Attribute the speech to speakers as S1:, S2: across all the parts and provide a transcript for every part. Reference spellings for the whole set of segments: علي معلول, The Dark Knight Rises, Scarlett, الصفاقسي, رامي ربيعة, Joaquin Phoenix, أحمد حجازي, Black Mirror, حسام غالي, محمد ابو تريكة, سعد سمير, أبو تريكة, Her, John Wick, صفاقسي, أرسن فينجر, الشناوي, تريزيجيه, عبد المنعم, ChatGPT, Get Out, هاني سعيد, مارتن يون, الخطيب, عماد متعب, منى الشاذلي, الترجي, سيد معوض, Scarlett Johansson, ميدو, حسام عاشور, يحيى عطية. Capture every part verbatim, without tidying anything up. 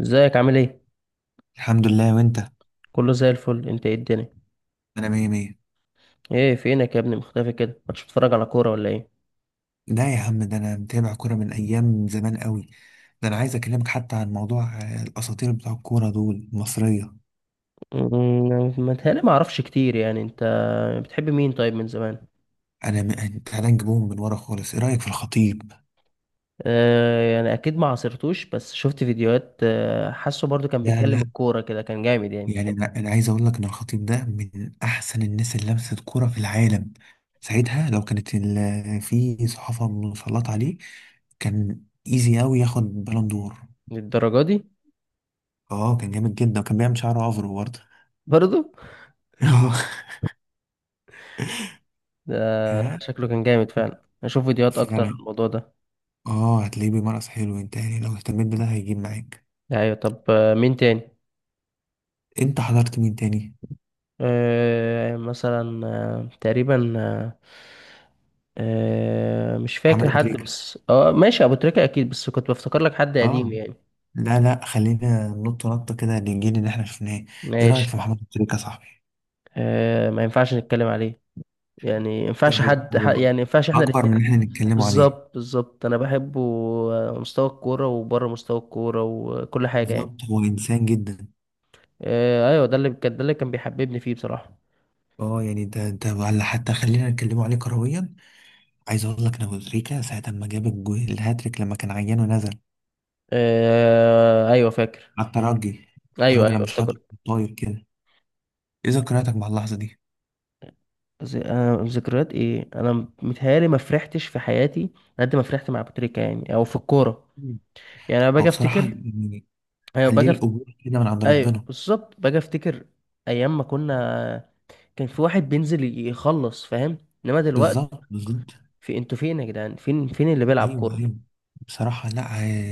S1: ازيك عامل ايه؟
S2: الحمد لله، وانت؟
S1: كله زي الفل، انت ايه الدنيا؟
S2: انا مية مية.
S1: ايه فينك يا ابني مختفي كده؟ مش بتتفرج على كوره ولا ايه؟
S2: لا يا عم، ده انا متابع كورة من ايام زمان قوي. ده انا عايز اكلمك حتى عن موضوع آه، الاساطير بتوع الكورة دول المصرية.
S1: أمم، متهيألي ما اعرفش كتير. يعني انت بتحب مين طيب من زمان؟
S2: انا م... تعالى نجيبهم من ورا خالص. ايه رأيك في الخطيب؟
S1: آه يعني اكيد ما عاصرتوش بس شفت فيديوهات. آه حاسه برضو كان
S2: لا،
S1: بيتكلم
S2: لا.
S1: الكوره كده كان جامد يعني.
S2: يعني انا أنا عايز اقول لك ان الخطيب ده من احسن الناس اللي لمست كورة في العالم. ساعتها لو كانت ال... في صحافة مسلطة عليه، كان ايزي قوي ياخد بالون دور.
S1: للدرجه دي؟
S2: اه، كان جامد جدا وكان بيعمل شعره افرو برضه.
S1: برضو. ده
S2: يا.
S1: شكله كان جامد فعلا، اشوف فيديوهات اكتر عن
S2: فعلا.
S1: الموضوع ده.
S2: اه، هتلاقيه بيمارس حلو. انت يعني لو اهتميت بده هيجيب معاك.
S1: ايوه، طب آه، مين تاني؟
S2: انت حضرت مين تاني؟
S1: آه مثلا آه تقريبا آه مش فاكر
S2: محمد ابو
S1: حد،
S2: تريكة.
S1: بس اه ماشي، ابو تريكة اكيد، بس كنت بفتكر لك حد قديم
S2: اه.
S1: يعني.
S2: لا، لا، خلينا ننط نطه كده للجيل اللي احنا شفناه. ايه رايك في
S1: ماشي.
S2: محمد ابو تريكة يا صاحبي؟
S1: آه ما ينفعش نتكلم عليه. يعني ما ينفعش
S2: هو
S1: حد ح-
S2: هو
S1: يعني ما ينفعش احنا
S2: اكبر
S1: الاثنين.
S2: من اللي احنا نتكلمه عليه.
S1: بالظبط بالظبط، انا بحبه. آه، مستوى الكورة وبره مستوى الكورة وكل حاجة يعني.
S2: بالظبط، هو انسان جدا.
S1: آه ايوه، ده اللي كان ده اللي كان بيحببني فيه بصراحة.
S2: اه، يعني ده ده ولا حتى خلينا نتكلمه عليه كرويا. عايز اقول لك ان ابو تريكة ساعه ما جاب الجو- الهاتريك لما كان عيان ونزل
S1: آه ايوه فاكر.
S2: على الترجي.
S1: ايوه
S2: الترجي
S1: ايوه
S2: لما شاط
S1: افتكرت.
S2: طاير كده. ايه ذكرياتك مع اللحظه دي؟
S1: ز- انا ذكريات ايه؟ انا متهيالي ما فرحتش في حياتي قد ما فرحت مع ابو تريكة يعني او في الكورة.
S2: مم.
S1: يعني انا
S2: هو
S1: باجي
S2: بصراحة
S1: افتكر.
S2: يعني
S1: ايوه
S2: عليه
S1: باجي أفت...
S2: القبول كده من عند
S1: ايوه
S2: ربنا.
S1: بالظبط، باجي افتكر ايام ما كنا، كان في واحد بينزل يخلص، فاهم؟ انما دلوقتي،
S2: بالظبط، بالظبط.
S1: في انتوا فين يا جدعان؟ فين فين اللي بيلعب
S2: ايوه،
S1: كوره؟
S2: ايوه. بصراحه، لا.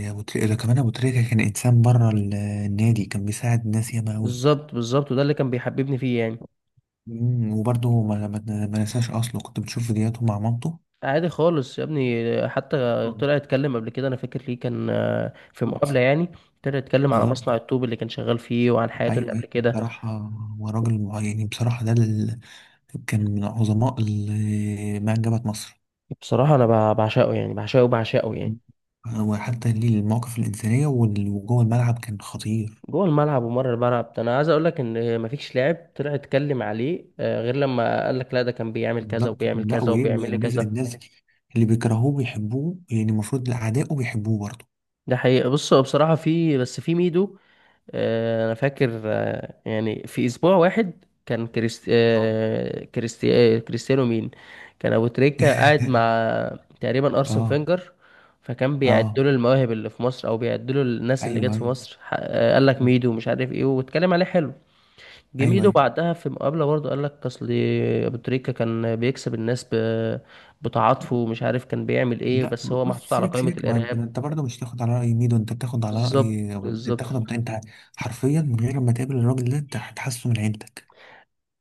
S2: آه، أبو تريكة- ده كمان ابو تريكه كان انسان بره ال- النادي، كان بيساعد ناس ياما قوي.
S1: بالظبط بالظبط، وده اللي كان بيحببني فيه يعني.
S2: مم، وبرضه ما ما ما نساش اصله كنت بتشوف فيديوهاته مع مامته.
S1: عادي خالص يا ابني، حتى
S2: آه،
S1: طلع اتكلم قبل كده، انا فاكر ليه، كان آه، في مقابله
S2: بالظبط.
S1: يعني. طلع اتكلم على
S2: بالظبط.
S1: مصنع الطوب اللي كان شغال فيه وعن حياته اللي
S2: ايوه، أيوة.
S1: قبل كده.
S2: بصراحه، هو راجل مع- يعني بصراحه ده ال... كان من عظماء ال- ما انجبت مصر.
S1: بصراحه انا بع- بعشقه يعني، بعشقه بعشقه يعني.
S2: مم. وحتى ليه المواقف الانسانيه وال- وجوه الملعب كان خطير.
S1: جوه الملعب ومره الملعب، ده انا عايز اقول لك ان مفيش لاعب طلع اتكلم عليه آه، غير لما قال لك لا، ده كان بيعمل كذا
S2: بالظبط،
S1: وبيعمل
S2: لا
S1: كذا
S2: وايه،
S1: وبيعمل لي
S2: والناس،
S1: كذا.
S2: الناس اللي بيكرهوه بيحبوه. يعني المفروض اعدائه بيحبوه برضه.
S1: ده حقيقة. بص هو بصراحة في، بس في ميدو. آه، انا فاكر، آه، يعني في اسبوع واحد كان كريست...
S2: اه.
S1: آه، كريستي... آه، كريستيانو مين. كان ابو تريكة قاعد مع تقريبا ارسن
S2: اه،
S1: فينجر، فكان
S2: اه،
S1: بيعدوا له المواهب اللي في مصر او بيعدوا له الناس اللي
S2: ايوه،
S1: جت في
S2: ايوه.
S1: مصر، ح- آه، قال لك
S2: مم.
S1: ميدو مش عارف ايه واتكلم عليه حلو.
S2: ايوه،
S1: جميدو
S2: ايوه.
S1: بعدها في مقابلة برضه قال لك أصل أبو تريكة كان بيكسب الناس ب... بتعاطفه ومش عارف كان بيعمل إيه،
S2: لا،
S1: بس هو
S2: بص،
S1: محطوط على
S2: سيبك
S1: قائمة
S2: سيبك، ما انت
S1: الإرهاب.
S2: انت برضه مش تاخد على راي ميدو، انت بتاخد على
S1: بالظبط
S2: راي، انت
S1: بالظبط.
S2: بتاخد انت. حرفيا من غير ما تقابل الراجل ده انت هتحسه من عيلتك.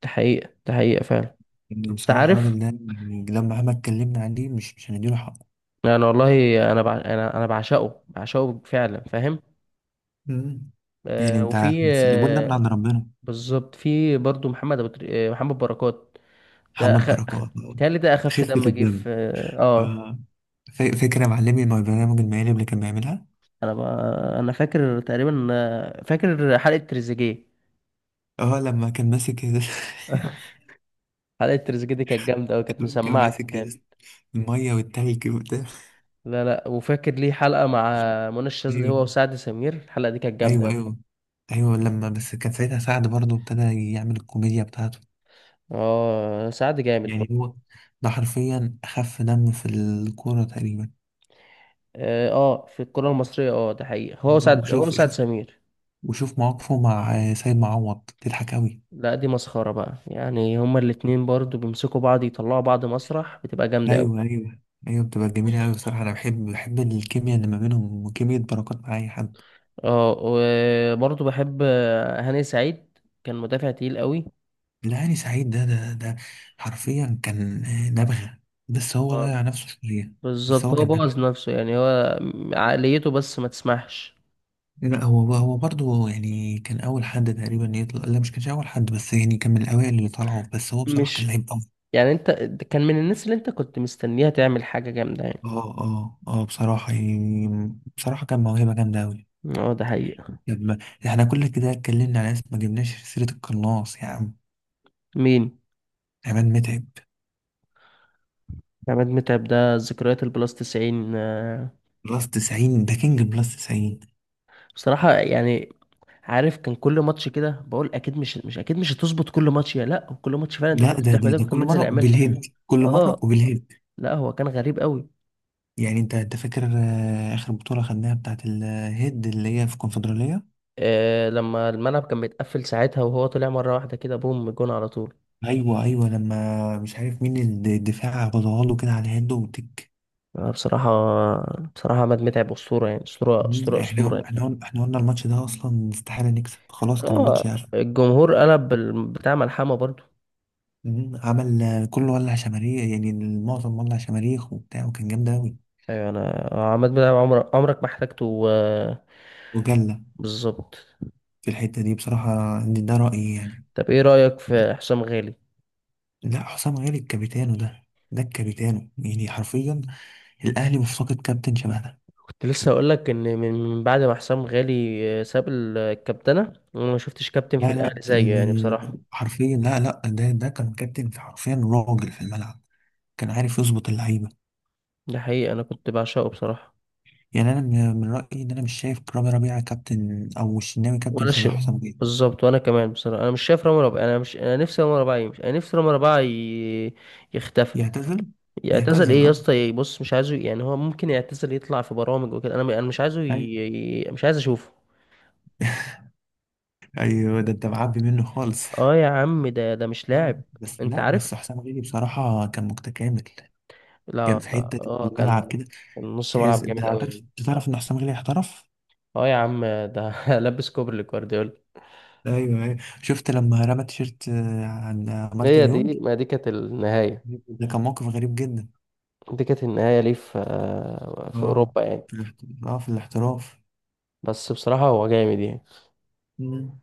S1: دي حقيقة، دي حقيقة فعلا.
S2: يعني
S1: أنت
S2: بصراحه
S1: عارف،
S2: الراجل ده يعني لما مهما اتكلمنا عليه مش مش هنديله حقه.
S1: يعني والله، أنا بع... أنا أنا بعشقه بعشقه فعلا، فاهم؟
S2: مم. يعني
S1: آه
S2: انت
S1: وفي
S2: بس القبول ده من
S1: آه
S2: عند ربنا.
S1: بالظبط، في برضه محمد أبو تري... آه، محمد بركات. ده
S2: محمد
S1: أخ...
S2: بركات.
S1: تهيألي ده أخف
S2: خفه
S1: دم جه
S2: الدم.
S1: في آه آه.
S2: آه. ف- فاكر يا معلمي مع البرنامج المالي اللي كان بيعملها؟
S1: أنا ب... أنا فاكر تقريبا، آه، فاكر حلقة تريزيجيه.
S2: اه، لما كان ماسك ال-
S1: حلقة تريزيجيه دي كانت جامدة أوي، كانت
S2: لما كان
S1: مسمعة كده
S2: ماسك
S1: جامد.
S2: ال- المية والتلج وبتاع.
S1: لا لا. وفاكر ليه حلقة مع منى الشاذلي
S2: ايوه،
S1: هو وسعد سمير، الحلقة دي كانت جامدة
S2: ايوه،
S1: أوي.
S2: ايوه، ايوه. لما بس كان ساعتها سعد برضه ابتدى يعمل الكوميديا بتاعته.
S1: اه سعد جامد
S2: يعني
S1: برضه.
S2: هو ده حرفيا اخف دم في الكورة تقريبا.
S1: اه آه، في الكرة المصرية، اه ده حقيقة، هو سعد هو
S2: وشوف،
S1: سعد
S2: شوف،
S1: سمير
S2: وشوف مواقفه مع سيد معوض تضحك قوي.
S1: لا دي مسخرة بقى، يعني هما الاتنين برضه بيمسكوا بعض، يطلعوا بعض مسرح، بتبقى جامدة أوي.
S2: ايوه، ايوه. ايوه، بتبقى جميلة قوي. بصراحة انا بحب، بحب الكيمياء اللي ما بينهم وكيمياء بركات مع اي حد.
S1: اه وبرضه بحب هاني سعيد، كان مدافع تقيل أوي.
S2: لا، هاني سعيد ده ده ده حرفيا كان آه، نبغة. بس هو
S1: اه
S2: ضيع نفسه شوية. بس
S1: بالظبط،
S2: هو
S1: هو
S2: كان نبغة.
S1: بوظ نفسه يعني، هو عقليته بس ما تسمحش.
S2: لا، هو هو برضه يعني كان أول حد تقريبا يطلع. لا، مش كانش أول حد، بس يعني كان من الأوائل اللي طلعوا. بس هو بصراحة كان
S1: مش،
S2: لعيب أوي.
S1: يعني انت، كان من الناس اللي انت كنت مستنيها تعمل حاجة جامدة يعني.
S2: اه، اه، اه، بصراحة يعني، بصراحة كان موهبة جامدة أوي.
S1: اه ده حقيقة.
S2: لما احنا كل كده اتكلمنا على ناس، ما جبناش سيرة القناص يا عم.
S1: مين؟
S2: عماد متعب.
S1: عماد متعب، ده ذكريات البلاس تسعين آه،
S2: بلس تسعين ده كينج بلس تسعين.
S1: بصراحة يعني، عارف كان كل ماتش كده بقول اكيد مش مش اكيد مش هتظبط، كل ماتش يا لا كل ماتش فعلا، انت
S2: لا،
S1: كنت
S2: ده ده
S1: بتحمدك
S2: ده
S1: وكان
S2: كل
S1: بينزل
S2: مرة
S1: يعملها.
S2: وبالهيد، كل مرة
S1: اه
S2: وبالهيد.
S1: لا، هو كان غريب قوي.
S2: يعني انت انت فاكر آه، اخر بطولة خدناها بتاعت الهيد اللي هي في الكونفدرالية؟
S1: آه لما الملعب كان بيتقفل ساعتها، وهو طلع مرة واحدة كده بوم جون على طول.
S2: ايوه، ايوه، لما مش عارف مين الد- الدفاع غضاها له كده على الهيد وتك.
S1: آه، بصراحة، بصراحة عماد متعب أسطورة يعني، أسطورة
S2: مم،
S1: أسطورة
S2: احنا
S1: أسطورة.
S2: قلنا، احنا قلنا، احنا قلنا الماتش ده اصلا استحالة نكسب خلاص. كان
S1: اه
S2: الماتش يعرف.
S1: الجمهور قلب ال- بتاع ملحمة برضو.
S2: مم، عمل آه، كله، ولع شماريخ، يعني المعظم ولع شماريخ وبتاع، وكان جامد اوي.
S1: ايوه، انا عماد متعب عمرك عمرك ما احتاجته آه،
S2: وجلة.
S1: بالظبط.
S2: في الحتة دي بصراحة دي- ده رأيي يعني.
S1: طب ايه رأيك في حسام غالي؟
S2: لا، حسام غالي الكابيتانو ده. ده الكابيتانو يعني حرفيا. الاهلي مفتقد كابتن شبه ده.
S1: كنت لسه اقول لك ان من من بعد ما حسام غالي آه، ساب ال- الكابتنة، وانا ما شفتش كابتن في
S2: لا،
S1: الاهلي
S2: لا،
S1: زيه يعني
S2: ال-
S1: بصراحة.
S2: حرفيا. لا، لا، ده ده كان كابتن. في، حرفيا، راجل في الملعب. كان عارف يظبط اللعيبه.
S1: ده حقيقي، انا كنت بعشقه بصراحة.
S2: يعني انا من من رايي ان انا مش شايف رامي ربيعه كابتن او الشناوي كابتن
S1: ولا ش...
S2: شبه حسام بيه.
S1: بالظبط، وانا كمان بصراحة انا مش شايف رامي ربيعة، انا مش، انا نفسي رامي ربيعة يمشي، انا نفسي رامي ربيعة ي... يختفي.
S2: يعتزل.
S1: يعتزل؟
S2: يعتزل،
S1: ايه يا
S2: اه.
S1: اسطى يعني، بص مش عايزه يعني، هو ممكن يعتزل يطلع في برامج وكده، انا انا مش عايزه ي...
S2: ايوه،
S1: ي- مش عايز اشوفه.
S2: ايوه، ده انت معبي منه خالص.
S1: اه يا عم، ده ده مش
S2: آه،
S1: لاعب.
S2: بس
S1: انت
S2: لا،
S1: عارف.
S2: بس حسام غالي بصراحه كان متكامل.
S1: لا
S2: كان في
S1: لا،
S2: حته
S1: اه
S2: الملعب
S1: كان
S2: كده،
S1: كان نص ملعب
S2: تحس، انت
S1: جامد قوي
S2: عارف،
S1: يعني.
S2: انت تعرف ان حسام غالي احترف.
S1: اه يا عم ده لبس كوبري لجوارديولا.
S2: ايوه، ايوه. شفت لما رمى تيشيرت آه، عن مارتن
S1: هي
S2: يون؟
S1: دي، ما دي كانت النهاية.
S2: ده كان موقف غريب جدا.
S1: دي كانت النهاية ليه؟ في في
S2: اه.
S1: أوروبا يعني.
S2: في الاحت... اه، في الاحتراف.
S1: بس بصراحة هو جامد يعني.
S2: مم.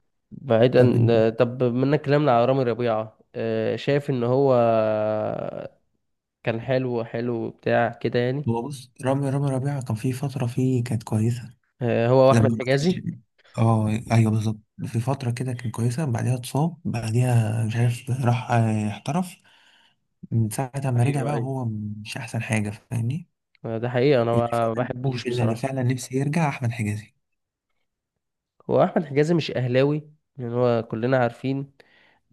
S2: طب انت-
S1: بعيدا طب منك كلامنا على رامي ربيعة، آه، شايف إن هو كان حلو، حلو بتاع كده يعني.
S2: هو بص، رامي رامي ربيعة كان في فترة فيه كانت كويسة.
S1: آه، هو
S2: لما
S1: واحمد
S2: ما
S1: حجازي.
S2: كانش. اه، ايوه، بالظبط. في فترة كده كانت كويسة، بعدها اتصاب، بعديها مش عارف راح آه، احترف. من ساعة ما رجع
S1: ايوه
S2: بقى
S1: ايوه.
S2: هو مش أحسن حاجة، فاهمني؟
S1: آه، ده حقيقة، انا
S2: اللي
S1: ما
S2: فعلا
S1: بحبوش
S2: اللي
S1: بصراحة.
S2: فعلا نفسي يرجع أحمد حجازي.
S1: هو احمد حجازي مش اهلاوي، لان هو كلنا عارفين،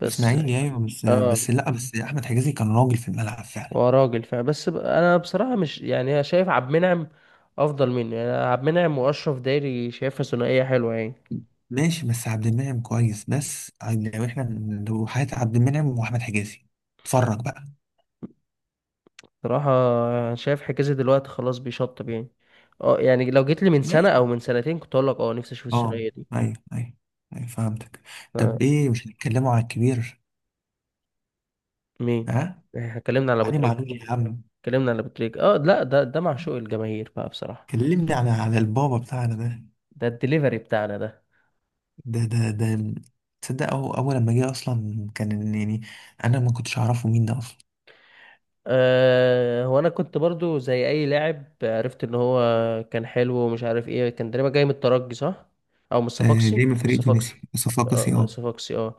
S1: بس.
S2: إسماعيلي، أيوه، بس
S1: اه
S2: بس لأ، بس أحمد حجازي كان راجل في الملعب فعلا.
S1: هو راجل فعلا، بس ب- انا بصراحة مش يعني، أنا شايف عبد المنعم افضل منه يعني. عبد المنعم واشرف دايري، شايفها ثنائية حلوة يعني.
S2: ماشي، بس عبد المنعم كويس، بس عن- لو احنا، لو حياة عبد المنعم واحمد حجازي، اتفرج بقى.
S1: بصراحة أنا شايف حجازي دلوقتي خلاص بيشطب يعني. اه يعني لو جيت لي من سنة
S2: ماشي.
S1: او من سنتين، كنت اقول لك اه نفسي اشوف
S2: اه،
S1: الثنائية دي.
S2: ايوه، ايوه. ايوه، فهمتك.
S1: ف-
S2: طب ايه، مش هنتكلموا على الكبير؟
S1: مين؟
S2: ها.
S1: احنا اتكلمنا على ابو
S2: علي
S1: تريكة،
S2: معلول يا عم.
S1: اتكلمنا على ابو تريكة. اه لا، ده ده معشوق الجماهير بقى بصراحة.
S2: كلمني على على البابا بتاعنا ده
S1: ده الدليفري بتاعنا ده.
S2: ده ده ده تصدق أو اول لما جه اصلا كان يعني انا ما كنتش اعرفه مين ده اصلا.
S1: أه هو انا كنت برضو زي اي لاعب، عرفت ان هو كان حلو ومش عارف ايه، كان تقريبا جاي من الترجي صح؟ او من
S2: آه،
S1: الصفاقسي، من
S2: جاي من فريق
S1: الصفاقسي.
S2: تونسي
S1: اه
S2: صفاقسي، اه.
S1: الصفاقسي اه.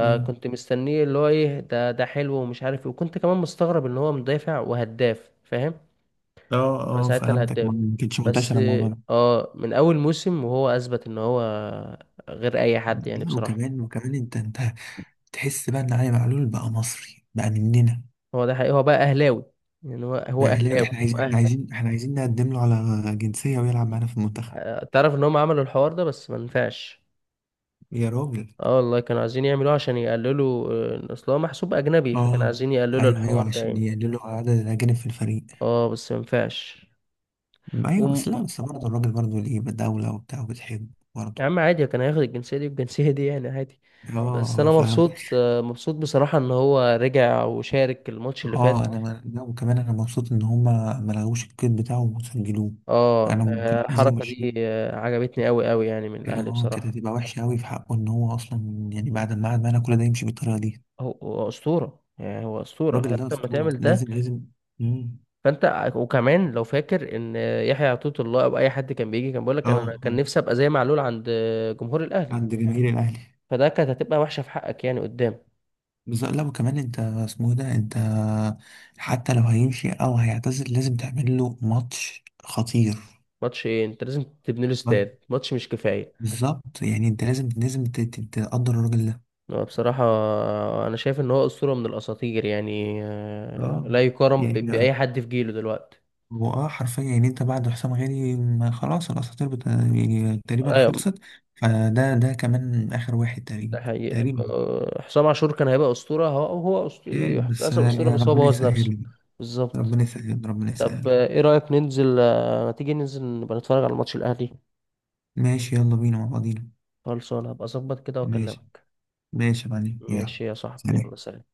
S2: مم.
S1: مستنيه اللي هو ايه، ده ده حلو ومش عارف ايه، وكنت كمان مستغرب ان هو مدافع وهداف، فاهم؟
S2: اه،
S1: انا
S2: اه،
S1: ساعتها
S2: فهمتك،
S1: الهداف
S2: ما ما كانتش
S1: بس.
S2: منتشره الموضوع ده.
S1: اه من اول موسم وهو اثبت ان هو غير اي حد يعني
S2: لا،
S1: بصراحة.
S2: وكمان، وكمان انت انت تحس بقى ان علي معلول بقى مصري بقى مننا،
S1: هو ده حقيقي، هو بقى اهلاوي يعني، هو هو
S2: بقى اهلاوي.
S1: اهلاوي
S2: احنا
S1: هو
S2: عايزين، احنا
S1: أهلي.
S2: عايزين احنا عايزين نقدم له على جنسية ويلعب معانا في المنتخب.
S1: ع- تعرف ان هم عملوا الحوار ده بس ما نفعش.
S2: يا راجل.
S1: اه والله كانوا عايزين يعملوه عشان يقللوا، آه، اصل هو محسوب اجنبي، فكانوا
S2: اه،
S1: عايزين يقللوا
S2: ايوه،
S1: الحوار
S2: ايوه،
S1: ده
S2: عشان
S1: يعني.
S2: يقللوا عدد الاجانب في الفريق.
S1: اه بس ما ينفعش.
S2: ايوه، بس لا،
S1: وم...
S2: بس برضه الراجل برضه ليه دولة وبتاع وبتحب برضه.
S1: يا عم عادي، كان هياخد الجنسية دي والجنسية دي يعني عادي.
S2: اه،
S1: بس انا
S2: اه، فاهم.
S1: مبسوط، آه، مبسوط بصراحة ان هو رجع وشارك الماتش اللي
S2: اه،
S1: فات.
S2: انا ما- لا، وكمان انا مبسوط ان هما ما لغوش الكيت بتاعه وسجلوه.
S1: اه
S2: انا
S1: آه،
S2: ممكن عايزين
S1: الحركة
S2: يمشوه.
S1: دي آه، عجبتني قوي قوي يعني من الاهلي
S2: اه، كانت
S1: بصراحة.
S2: هتبقى وحشة قوي في حقه ان هو اصلا يعني بعد ما قعد معانا كل ده يمشي بالطريقة دي.
S1: هو هو اسطورة يعني، هو اسطورة،
S2: الراجل ده
S1: فانت لما
S2: أسطورة،
S1: تعمل ده.
S2: لازم لازم. مم.
S1: فانت وكمان لو فاكر ان يحيى عطية الله او اي حد كان بيجي كان بيقول لك انا أنا
S2: اه،
S1: كان
S2: اه.
S1: نفسي ابقى زي معلول عند جمهور الاهلي.
S2: عند جماهير الأهلي.
S1: فده كانت هتبقى وحشه في حقك يعني، قدام.
S2: بالظبط، لا، وكمان أنت اسمه إيه، ده أنت حتى لو هيمشي أو هيعتزل لازم تعمل له ماتش خطير.
S1: ماتش ايه؟ انت لازم تبني له
S2: ما-
S1: استاد، ماتش مش كفايه.
S2: بالظبط، يعني أنت لازم لازم ت- ت- تقدر الراجل ده.
S1: هو بصراحه انا شايف ان هو اسطوره من الاساطير يعني، آه،
S2: اه،
S1: لا يقارن ب-
S2: يعني
S1: باي
S2: ده
S1: حد في جيله دلوقتي.
S2: هو، اه، حرفيا يعني انت بعد حسام غالي ما خلاص الاساطير بت... يعني تقريبا
S1: ايوه
S2: خلصت. فده ده كمان اخر واحد تقريبا،
S1: ده حقيقة،
S2: تقريبا.
S1: آه، حسام عاشور كان هيبقى اسطوره، هو هو أسط-
S2: يعني بس
S1: يحتسب اسطوره،
S2: يعني
S1: بس هو
S2: ربنا
S1: بوظ نفسه.
S2: يسهل.
S1: بالظبط.
S2: ربنا يسهل، ربنا
S1: طب
S2: يسهل.
S1: آه، ايه رأيك ننزل، آه، ما تيجي ننزل نبقى نتفرج على ماتش الأهلي.
S2: ماشي، يلا بينا مع بعضينا.
S1: خلصان، هبقى اظبط كده
S2: ماشي.
S1: واكلمك.
S2: ماشي يا معلم، يلا.
S1: ماشي يا صاحبي، يلا
S2: سلام.
S1: سلام.